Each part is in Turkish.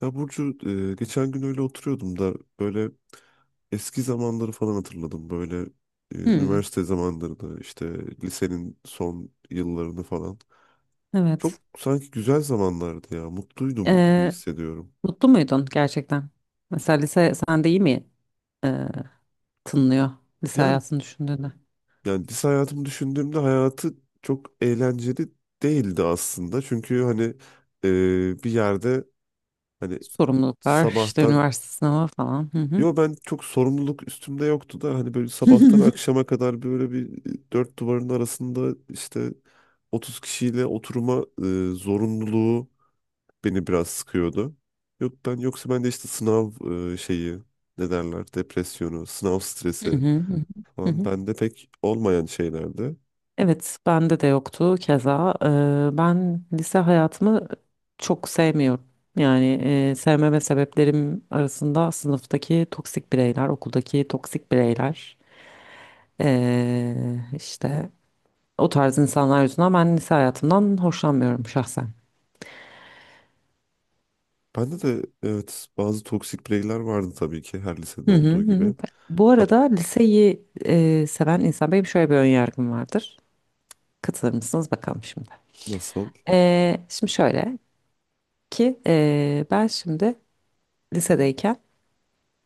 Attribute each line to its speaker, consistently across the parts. Speaker 1: Ya Burcu, geçen gün öyle oturuyordum da böyle eski zamanları falan hatırladım.
Speaker 2: Hmm,
Speaker 1: Üniversite zamanlarını, işte lisenin son yıllarını falan. Çok
Speaker 2: evet.
Speaker 1: sanki güzel zamanlardı ya, mutluydum gibi
Speaker 2: Ee,
Speaker 1: hissediyorum.
Speaker 2: Mutlu muydun gerçekten? Mesela lise sende iyi mi tınlıyor lise
Speaker 1: Yani,
Speaker 2: hayatını düşündüğünde?
Speaker 1: yani lise hayatımı düşündüğümde hayatı çok eğlenceli değildi aslında. Çünkü hani bir yerde hani
Speaker 2: Sorumluluklar, işte
Speaker 1: sabahtan...
Speaker 2: üniversite sınavı falan. Hı hı.
Speaker 1: Yo, ben çok sorumluluk üstümde yoktu da hani böyle sabahtan akşama kadar böyle bir dört duvarın arasında, işte 30 kişiyle oturma zorunluluğu beni biraz sıkıyordu. Yok ben, yoksa ben de işte sınav şeyi, ne derler, depresyonu, sınav
Speaker 2: Hı
Speaker 1: stresi
Speaker 2: hı, hı hı, hı
Speaker 1: falan
Speaker 2: hı.
Speaker 1: bende pek olmayan şeylerdi.
Speaker 2: Evet, bende de yoktu keza. Ben lise hayatımı çok sevmiyorum. Yani sevmeme sebeplerim arasında sınıftaki toksik bireyler, okuldaki toksik bireyler, ee, işte o tarz insanlar yüzünden ben lise hayatımdan hoşlanmıyorum şahsen.
Speaker 1: Bende de evet bazı toksik bireyler vardı tabii ki, her lisede
Speaker 2: Hı hı
Speaker 1: olduğu
Speaker 2: hı, hı.
Speaker 1: gibi.
Speaker 2: Bu
Speaker 1: Hat,
Speaker 2: arada liseyi seven insan benim, şöyle bir ön yargım vardır. Katılır mısınız bakalım şimdi.
Speaker 1: nasıl?
Speaker 2: Şimdi şöyle ki ben şimdi lisedeyken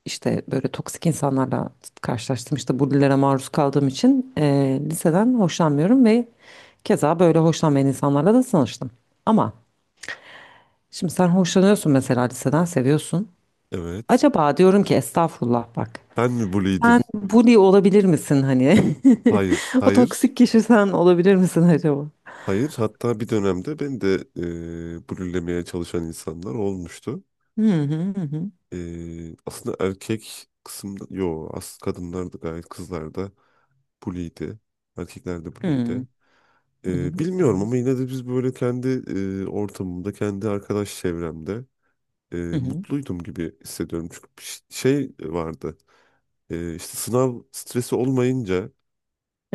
Speaker 2: işte böyle toksik insanlarla karşılaştım. İşte bullilere maruz kaldığım için liseden hoşlanmıyorum ve keza böyle hoşlanmayan insanlarla da tanıştım. Ama şimdi sen hoşlanıyorsun mesela, liseden seviyorsun.
Speaker 1: Evet.
Speaker 2: Acaba diyorum ki, estağfurullah bak.
Speaker 1: Ben mi bully'ydim?
Speaker 2: Sen bully olabilir misin hani?
Speaker 1: Hayır,
Speaker 2: O
Speaker 1: hayır.
Speaker 2: toksik kişi sen olabilir misin acaba?
Speaker 1: Hayır, hatta bir dönemde ben de blürlemeye çalışan insanlar olmuştu.
Speaker 2: Hı hı hı hı.
Speaker 1: Aslında erkek kısımda, yo as kadınlar da gayet, kızlar da bully'ydi. Erkekler de
Speaker 2: Hı
Speaker 1: bully'ydi.
Speaker 2: hı hı
Speaker 1: Bilmiyorum
Speaker 2: hı,
Speaker 1: ama yine de biz böyle kendi ortamımda, kendi arkadaş çevremde
Speaker 2: hı hı.
Speaker 1: mutluydum gibi hissediyorum. Çünkü bir şey vardı, işte sınav stresi olmayınca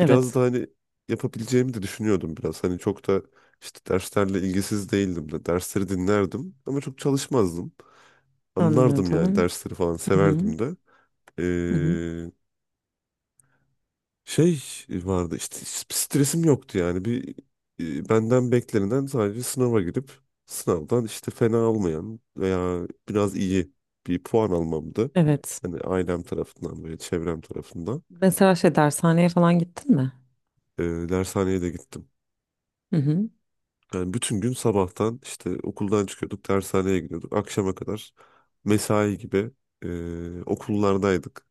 Speaker 1: biraz da hani yapabileceğimi de düşünüyordum biraz. Hani çok da işte derslerle ilgisiz değildim de, dersleri dinlerdim ama çok çalışmazdım. Anlardım yani,
Speaker 2: Anlıyordum.
Speaker 1: dersleri falan
Speaker 2: Hı hı
Speaker 1: severdim de.
Speaker 2: hı hı.
Speaker 1: Ee, Şey vardı işte, stresim yoktu yani. Bir benden beklenilen sadece sınava girip sınavdan işte fena olmayan veya biraz iyi bir puan almamdı.
Speaker 2: Evet.
Speaker 1: Hani ailem tarafından, böyle çevrem tarafından.
Speaker 2: Mesela şey, dershaneye falan gittin mi?
Speaker 1: Ee, Dershaneye de gittim.
Speaker 2: Hı hı
Speaker 1: Yani bütün gün sabahtan işte okuldan çıkıyorduk, dershaneye gidiyorduk. Akşama kadar mesai gibi okullardaydık.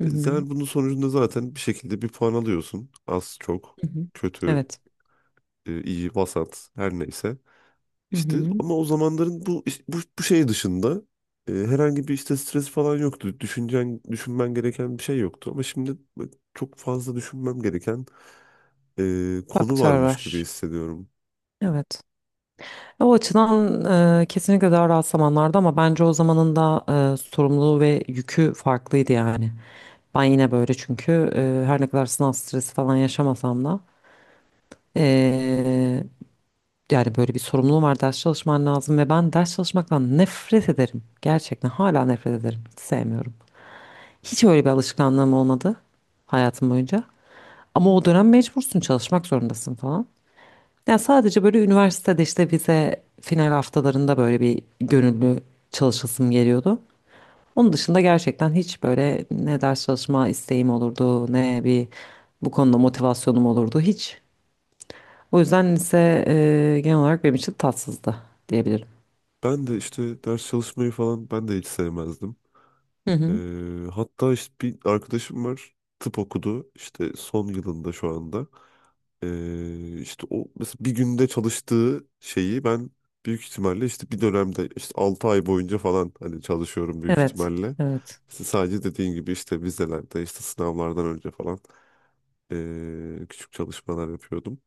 Speaker 2: hı hı,
Speaker 1: Yani bunun sonucunda zaten bir şekilde bir puan alıyorsun. Az, çok,
Speaker 2: hı hı.
Speaker 1: kötü,
Speaker 2: Evet.
Speaker 1: iyi, vasat, her neyse.
Speaker 2: Hı
Speaker 1: İşte
Speaker 2: hı.
Speaker 1: ama o zamanların bu şey dışında herhangi bir işte stres falan yoktu. Düşüncen, düşünmen gereken bir şey yoktu. Ama şimdi çok fazla düşünmem gereken konu
Speaker 2: Faktör
Speaker 1: varmış gibi
Speaker 2: var.
Speaker 1: hissediyorum.
Speaker 2: Evet. O açıdan kesinlikle daha rahat zamanlardı, ama bence o zamanın da sorumluluğu ve yükü farklıydı yani. Ben yine böyle, çünkü her ne kadar sınav stresi falan yaşamasam da, e, yani böyle bir sorumluluğum var, ders çalışman lazım ve ben ders çalışmaktan nefret ederim. Gerçekten hala nefret ederim. Hiç sevmiyorum. Hiç öyle bir alışkanlığım olmadı hayatım boyunca. Ama o dönem mecbursun, çalışmak zorundasın falan. Yani sadece böyle üniversitede işte vize final haftalarında böyle bir gönüllü çalışasım geliyordu. Onun dışında gerçekten hiç böyle ne ders çalışma isteğim olurdu, ne bir bu konuda motivasyonum olurdu hiç. O yüzden lise genel olarak benim için tatsızdı diyebilirim.
Speaker 1: Ben de işte ders çalışmayı falan, ben de hiç sevmezdim.
Speaker 2: Hı hı.
Speaker 1: Hatta işte bir arkadaşım var, tıp okudu işte son yılında şu anda. İşte o mesela bir günde çalıştığı şeyi ben büyük ihtimalle işte bir dönemde işte 6 ay boyunca falan hani çalışıyorum büyük
Speaker 2: Evet,
Speaker 1: ihtimalle.
Speaker 2: evet,
Speaker 1: İşte sadece dediğin gibi işte vizelerde, işte sınavlardan önce falan küçük çalışmalar yapıyordum.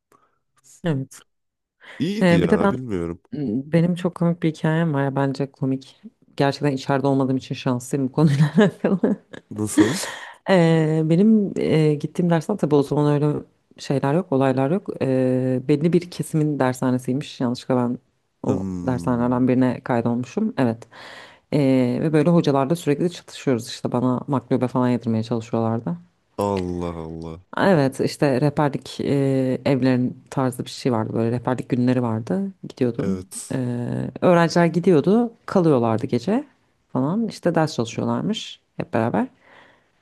Speaker 2: evet.
Speaker 1: İyiydi
Speaker 2: Bir de
Speaker 1: ya,
Speaker 2: ben
Speaker 1: bilmiyorum.
Speaker 2: benim çok komik bir hikayem var, ya bence komik. Gerçekten içeride olmadığım için şanslıyım bu konuyla alakalı.
Speaker 1: Nasıl?
Speaker 2: Benim gittiğim dersten, tabii o zaman öyle şeyler yok, olaylar yok. Belli bir kesimin dershanesiymiş. Yanlışlıkla ben o
Speaker 1: Hmm.
Speaker 2: dershanelerden birine kaydolmuşum. Evet. Ve böyle hocalarla sürekli çatışıyoruz, işte bana maklube falan yedirmeye çalışıyorlardı.
Speaker 1: Allah Allah.
Speaker 2: Evet, işte rehberlik evlerin tarzı bir şey vardı, böyle rehberlik günleri vardı, gidiyordun.
Speaker 1: Evet.
Speaker 2: Öğrenciler gidiyordu, kalıyorlardı gece falan, işte ders çalışıyorlarmış hep beraber.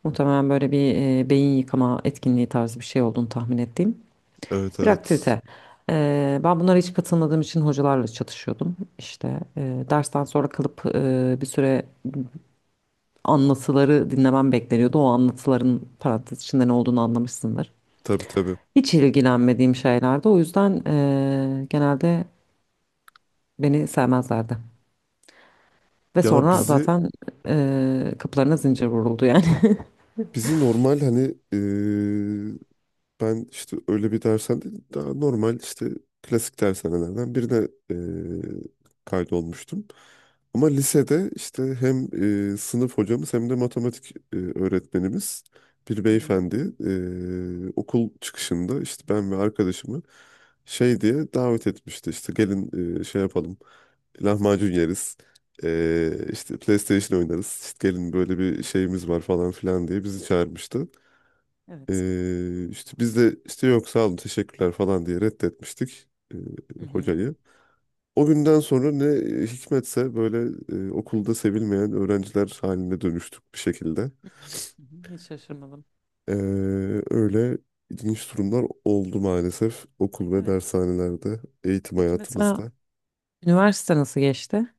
Speaker 2: Muhtemelen böyle bir beyin yıkama etkinliği tarzı bir şey olduğunu tahmin ettiğim
Speaker 1: Evet,
Speaker 2: bir
Speaker 1: evet.
Speaker 2: aktivite. Ben bunlara hiç katılmadığım için hocalarla çatışıyordum. İşte dersten sonra kalıp bir süre anlatıları dinlemem bekleniyordu. O anlatıların parantez içinde ne olduğunu anlamışsındır.
Speaker 1: Tabii, tabii.
Speaker 2: Hiç ilgilenmediğim şeylerdi. O yüzden genelde beni sevmezlerdi. Ve
Speaker 1: Ya
Speaker 2: sonra
Speaker 1: bizi
Speaker 2: zaten kapılarına zincir vuruldu yani.
Speaker 1: bizi normal hani eee, ben işte öyle bir dersen değil, daha normal işte klasik dershanelerden birine kaydolmuştum. Ama lisede işte hem sınıf hocamız hem de matematik öğretmenimiz bir
Speaker 2: Hı hı.
Speaker 1: beyefendi okul çıkışında işte ben ve arkadaşımı şey diye davet etmişti, işte gelin şey yapalım, lahmacun yeriz. İşte PlayStation oynarız. İşte gelin, böyle bir şeyimiz var falan filan diye bizi çağırmıştı.
Speaker 2: Evet.
Speaker 1: İşte biz de işte yok, sağ olun, teşekkürler falan diye reddetmiştik e,
Speaker 2: Hı hı.
Speaker 1: hocayı. O günden sonra ne hikmetse böyle okulda sevilmeyen öğrenciler haline dönüştük bir şekilde.
Speaker 2: Hı hı. Hı hı. Hiç şaşırmadım.
Speaker 1: Ee, Öyle ilginç durumlar oldu maalesef okul ve
Speaker 2: Evet.
Speaker 1: dershanelerde, eğitim
Speaker 2: Peki mesela
Speaker 1: hayatımızda.
Speaker 2: üniversite nasıl geçti?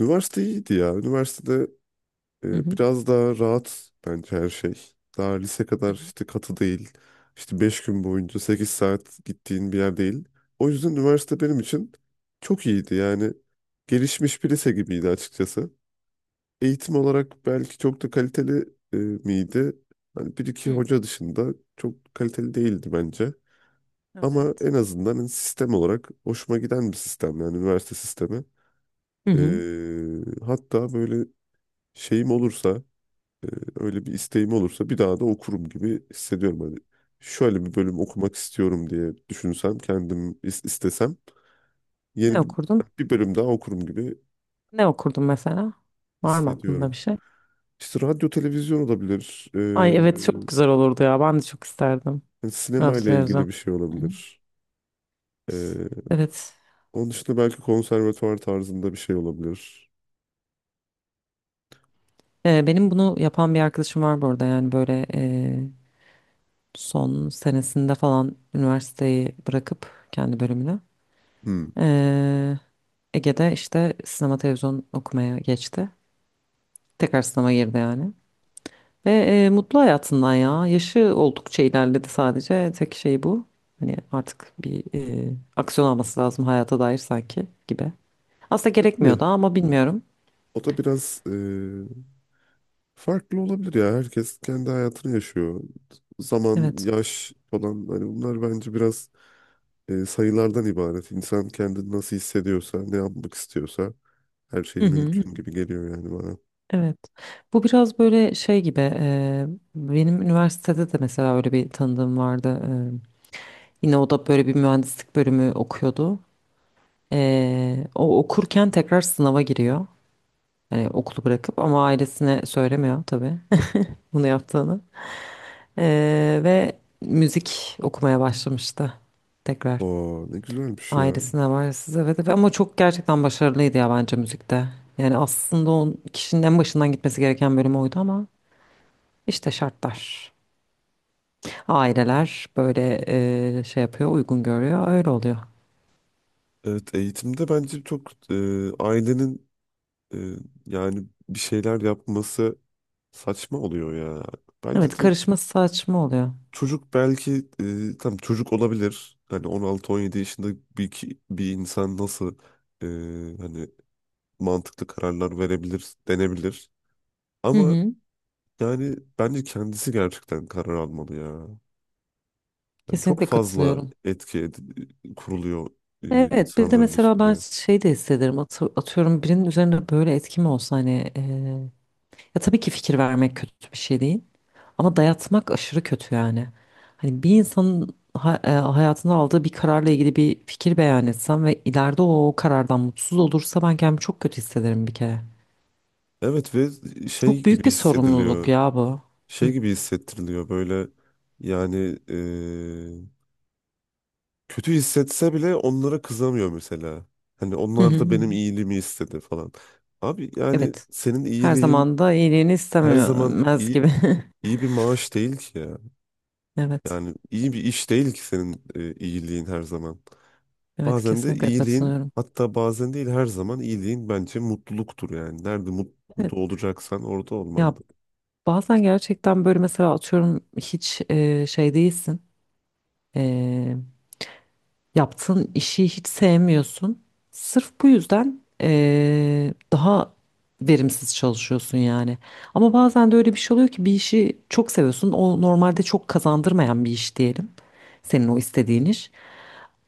Speaker 1: Üniversite iyiydi ya. Üniversitede
Speaker 2: Hı hı.
Speaker 1: Biraz daha rahat bence her şey. Daha lise
Speaker 2: Hı
Speaker 1: kadar
Speaker 2: hı.
Speaker 1: işte katı değil. İşte 5 gün boyunca 8 saat gittiğin bir yer değil. O yüzden üniversite benim için çok iyiydi. Yani gelişmiş bir lise gibiydi açıkçası. Eğitim olarak belki çok da kaliteli miydi? Hani bir iki
Speaker 2: Hı.
Speaker 1: hoca dışında çok kaliteli değildi bence. Ama
Speaker 2: Evet.
Speaker 1: en azından hani sistem olarak hoşuma giden bir sistem, yani üniversite sistemi.
Speaker 2: Hı hı.
Speaker 1: Hatta böyle şeyim olursa, ee, öyle bir isteğim olursa bir daha da okurum gibi hissediyorum. Hani şöyle bir bölüm okumak istiyorum diye düşünsem, kendim istesem yeni
Speaker 2: Ne
Speaker 1: bir,
Speaker 2: okurdun?
Speaker 1: bir bölüm daha okurum gibi
Speaker 2: Ne okurdun mesela? Var mı aklında
Speaker 1: hissediyorum.
Speaker 2: bir şey?
Speaker 1: İşte radyo, televizyon olabilir.
Speaker 2: Ay evet, çok güzel olurdu ya. Ben de çok isterdim.
Speaker 1: Hani sinema
Speaker 2: Radyo
Speaker 1: ile
Speaker 2: televizyon.
Speaker 1: ilgili bir şey
Speaker 2: Hı hı.
Speaker 1: olabilir. Ee,
Speaker 2: Evet.
Speaker 1: Onun dışında belki konservatuvar tarzında bir şey olabilir.
Speaker 2: Benim bunu yapan bir arkadaşım var bu arada. Yani böyle son senesinde falan üniversiteyi bırakıp kendi bölümünü.
Speaker 1: Hmm.
Speaker 2: e, Ege'de işte sinema televizyon okumaya geçti. Tekrar sınava girdi yani. Ve mutlu hayatından ya. Yaşı oldukça ilerledi sadece. Tek şey bu. Hani artık bir aksiyon alması lazım hayata dair sanki gibi. Aslında
Speaker 1: Ne?
Speaker 2: gerekmiyor da, ama bilmiyorum.
Speaker 1: O da biraz farklı olabilir ya. Herkes kendi hayatını yaşıyor. Zaman,
Speaker 2: Evet.
Speaker 1: yaş falan hani, bunlar bence biraz sayılardan ibaret. İnsan kendini nasıl hissediyorsa, ne yapmak istiyorsa her şey
Speaker 2: Hı hı, hı
Speaker 1: mümkün
Speaker 2: hı.
Speaker 1: gibi geliyor yani bana.
Speaker 2: Evet. Bu biraz böyle şey gibi. Benim üniversitede de mesela öyle bir tanıdığım vardı. Yine o da böyle bir mühendislik bölümü okuyordu. O okurken tekrar sınava giriyor. Yani okulu bırakıp, ama ailesine söylemiyor tabii bunu yaptığını. Ve müzik okumaya başlamıştı tekrar.
Speaker 1: Oo, ne güzelmiş ya.
Speaker 2: Ailesine var size ve ama çok gerçekten başarılıydı ya, bence müzikte. Yani aslında o kişinin en başından gitmesi gereken bölüm oydu, ama işte şartlar. Aileler böyle şey yapıyor, uygun görüyor, öyle oluyor.
Speaker 1: Evet, eğitimde bence çok ailenin e, yani bir şeyler yapması saçma oluyor ya. Bence
Speaker 2: Evet,
Speaker 1: direkt
Speaker 2: karışması saçma oluyor.
Speaker 1: çocuk, belki tam çocuk olabilir. Hani 16-17 yaşında bir, bir insan nasıl e, hani mantıklı kararlar verebilir denebilir.
Speaker 2: Hı
Speaker 1: Ama
Speaker 2: hı,
Speaker 1: yani bence kendisi gerçekten karar almalı ya. Yani çok
Speaker 2: kesinlikle
Speaker 1: fazla
Speaker 2: katılıyorum.
Speaker 1: kuruluyor
Speaker 2: Evet, bir de
Speaker 1: insanların
Speaker 2: mesela ben
Speaker 1: üstüne.
Speaker 2: şey de hissederim. Atıyorum birinin üzerine böyle etki mi olsa hani, ya tabii ki fikir vermek kötü bir şey değil. Ama dayatmak aşırı kötü yani. Hani bir insanın hayatında aldığı bir kararla ilgili bir fikir beyan etsem ve ileride o karardan mutsuz olursa, ben kendimi çok kötü hissederim bir kere.
Speaker 1: Evet ve şey
Speaker 2: Çok
Speaker 1: gibi
Speaker 2: büyük bir sorumluluk
Speaker 1: hissediliyor.
Speaker 2: ya bu.
Speaker 1: Şey
Speaker 2: Hı.
Speaker 1: gibi hissettiriliyor böyle yani e, kötü hissetse bile onlara kızamıyor mesela. Hani
Speaker 2: Hı hı
Speaker 1: onlar da
Speaker 2: hı.
Speaker 1: benim iyiliğimi istedi falan. Abi yani
Speaker 2: Evet.
Speaker 1: senin
Speaker 2: Her
Speaker 1: iyiliğin
Speaker 2: zaman da iyiliğini
Speaker 1: her zaman
Speaker 2: istemez
Speaker 1: iyi
Speaker 2: gibi.
Speaker 1: iyi bir maaş değil ki ya.
Speaker 2: Evet.
Speaker 1: Yani iyi bir iş değil ki senin iyiliğin her zaman.
Speaker 2: Evet,
Speaker 1: Bazen de
Speaker 2: kesinlikle
Speaker 1: iyiliğin,
Speaker 2: katılıyorum.
Speaker 1: hatta bazen değil, her zaman iyiliğin bence mutluluktur yani. Nerede
Speaker 2: Evet.
Speaker 1: mutlu olacaksan orada olman.
Speaker 2: Ya bazen gerçekten böyle mesela, atıyorum, hiç şey değilsin. E, Yaptığın işi hiç sevmiyorsun. Sırf bu yüzden daha verimsiz çalışıyorsun yani. Ama bazen de öyle bir şey oluyor ki bir işi çok seviyorsun. O normalde çok kazandırmayan bir iş diyelim. Senin o istediğin iş.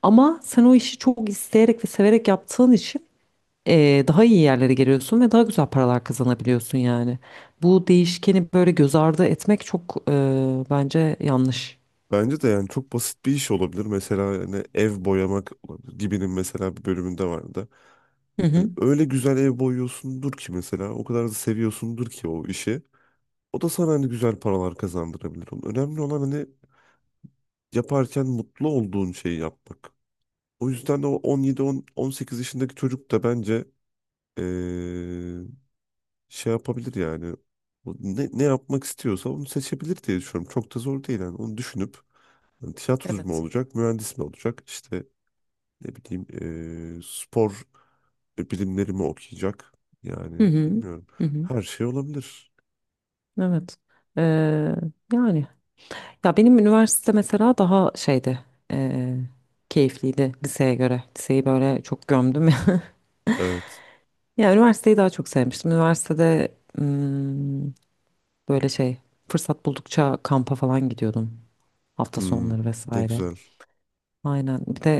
Speaker 2: Ama sen o işi çok isteyerek ve severek yaptığın için daha iyi yerlere geliyorsun ve daha güzel paralar kazanabiliyorsun yani. Bu değişkeni böyle göz ardı etmek çok bence yanlış.
Speaker 1: Bence de, yani çok basit bir iş olabilir. Mesela hani ev boyamak olabilir. Gibi'nin mesela bir bölümünde vardı.
Speaker 2: Hı
Speaker 1: Hani
Speaker 2: hı.
Speaker 1: öyle güzel ev boyuyorsundur ki mesela, o kadar da seviyorsundur ki o işi. O da sana hani güzel paralar kazandırabilir. Onun, önemli olan hani yaparken mutlu olduğun şeyi yapmak. O yüzden de o 17-18 yaşındaki çocuk da bence eee, şey yapabilir yani. O ne, ne yapmak istiyorsa onu seçebilir diye düşünüyorum. Çok da zor değil yani. Onu düşünüp hani tiyatrocu mu
Speaker 2: Evet.
Speaker 1: olacak, mühendis mi olacak? İşte ne bileyim, spor bilimleri mi okuyacak? Yani
Speaker 2: Hı hı.
Speaker 1: bilmiyorum.
Speaker 2: Hı hı.
Speaker 1: Her şey olabilir.
Speaker 2: Evet. Ee, Yani ya, benim üniversite mesela daha şeydi, ee, keyifliydi liseye göre. Liseyi böyle çok gömdüm ya.
Speaker 1: Evet.
Speaker 2: Ya üniversiteyi daha çok sevmiştim. Üniversitede böyle şey, fırsat buldukça kampa falan gidiyordum hafta
Speaker 1: Hmm,
Speaker 2: sonları
Speaker 1: ne
Speaker 2: vesaire.
Speaker 1: güzel.
Speaker 2: Aynen. Bir de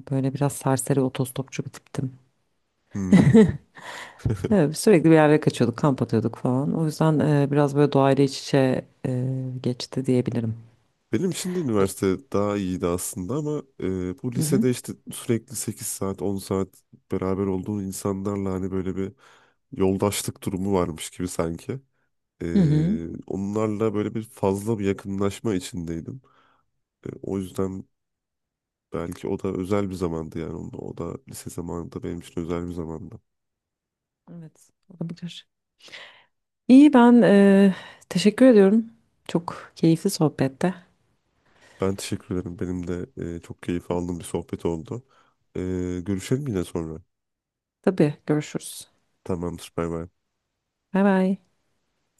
Speaker 2: böyle biraz serseri otostopçu bir tiptim.
Speaker 1: Hmm.
Speaker 2: Evet, sürekli bir yerlere kaçıyorduk, kamp atıyorduk falan. O yüzden biraz böyle doğayla iç içe geçti diyebilirim.
Speaker 1: Benim için de
Speaker 2: Öz-
Speaker 1: üniversite daha iyiydi aslında ama bu
Speaker 2: Hı hı.
Speaker 1: lisede işte sürekli 8 saat 10 saat beraber olduğun insanlarla hani böyle bir yoldaşlık durumu varmış gibi sanki.
Speaker 2: Hı hı.
Speaker 1: Onlarla böyle bir fazla bir yakınlaşma içindeydim. O yüzden belki o da özel bir zamandı yani. O da lise zamanında benim için özel bir zamandı.
Speaker 2: Evet, olabilir. İyi, ben teşekkür ediyorum. Çok keyifli sohbette.
Speaker 1: Ben teşekkür ederim. Benim de çok keyif aldığım bir sohbet oldu. Görüşelim yine sonra.
Speaker 2: Tabii görüşürüz.
Speaker 1: Tamamdır. Bay bay.
Speaker 2: Bay bay.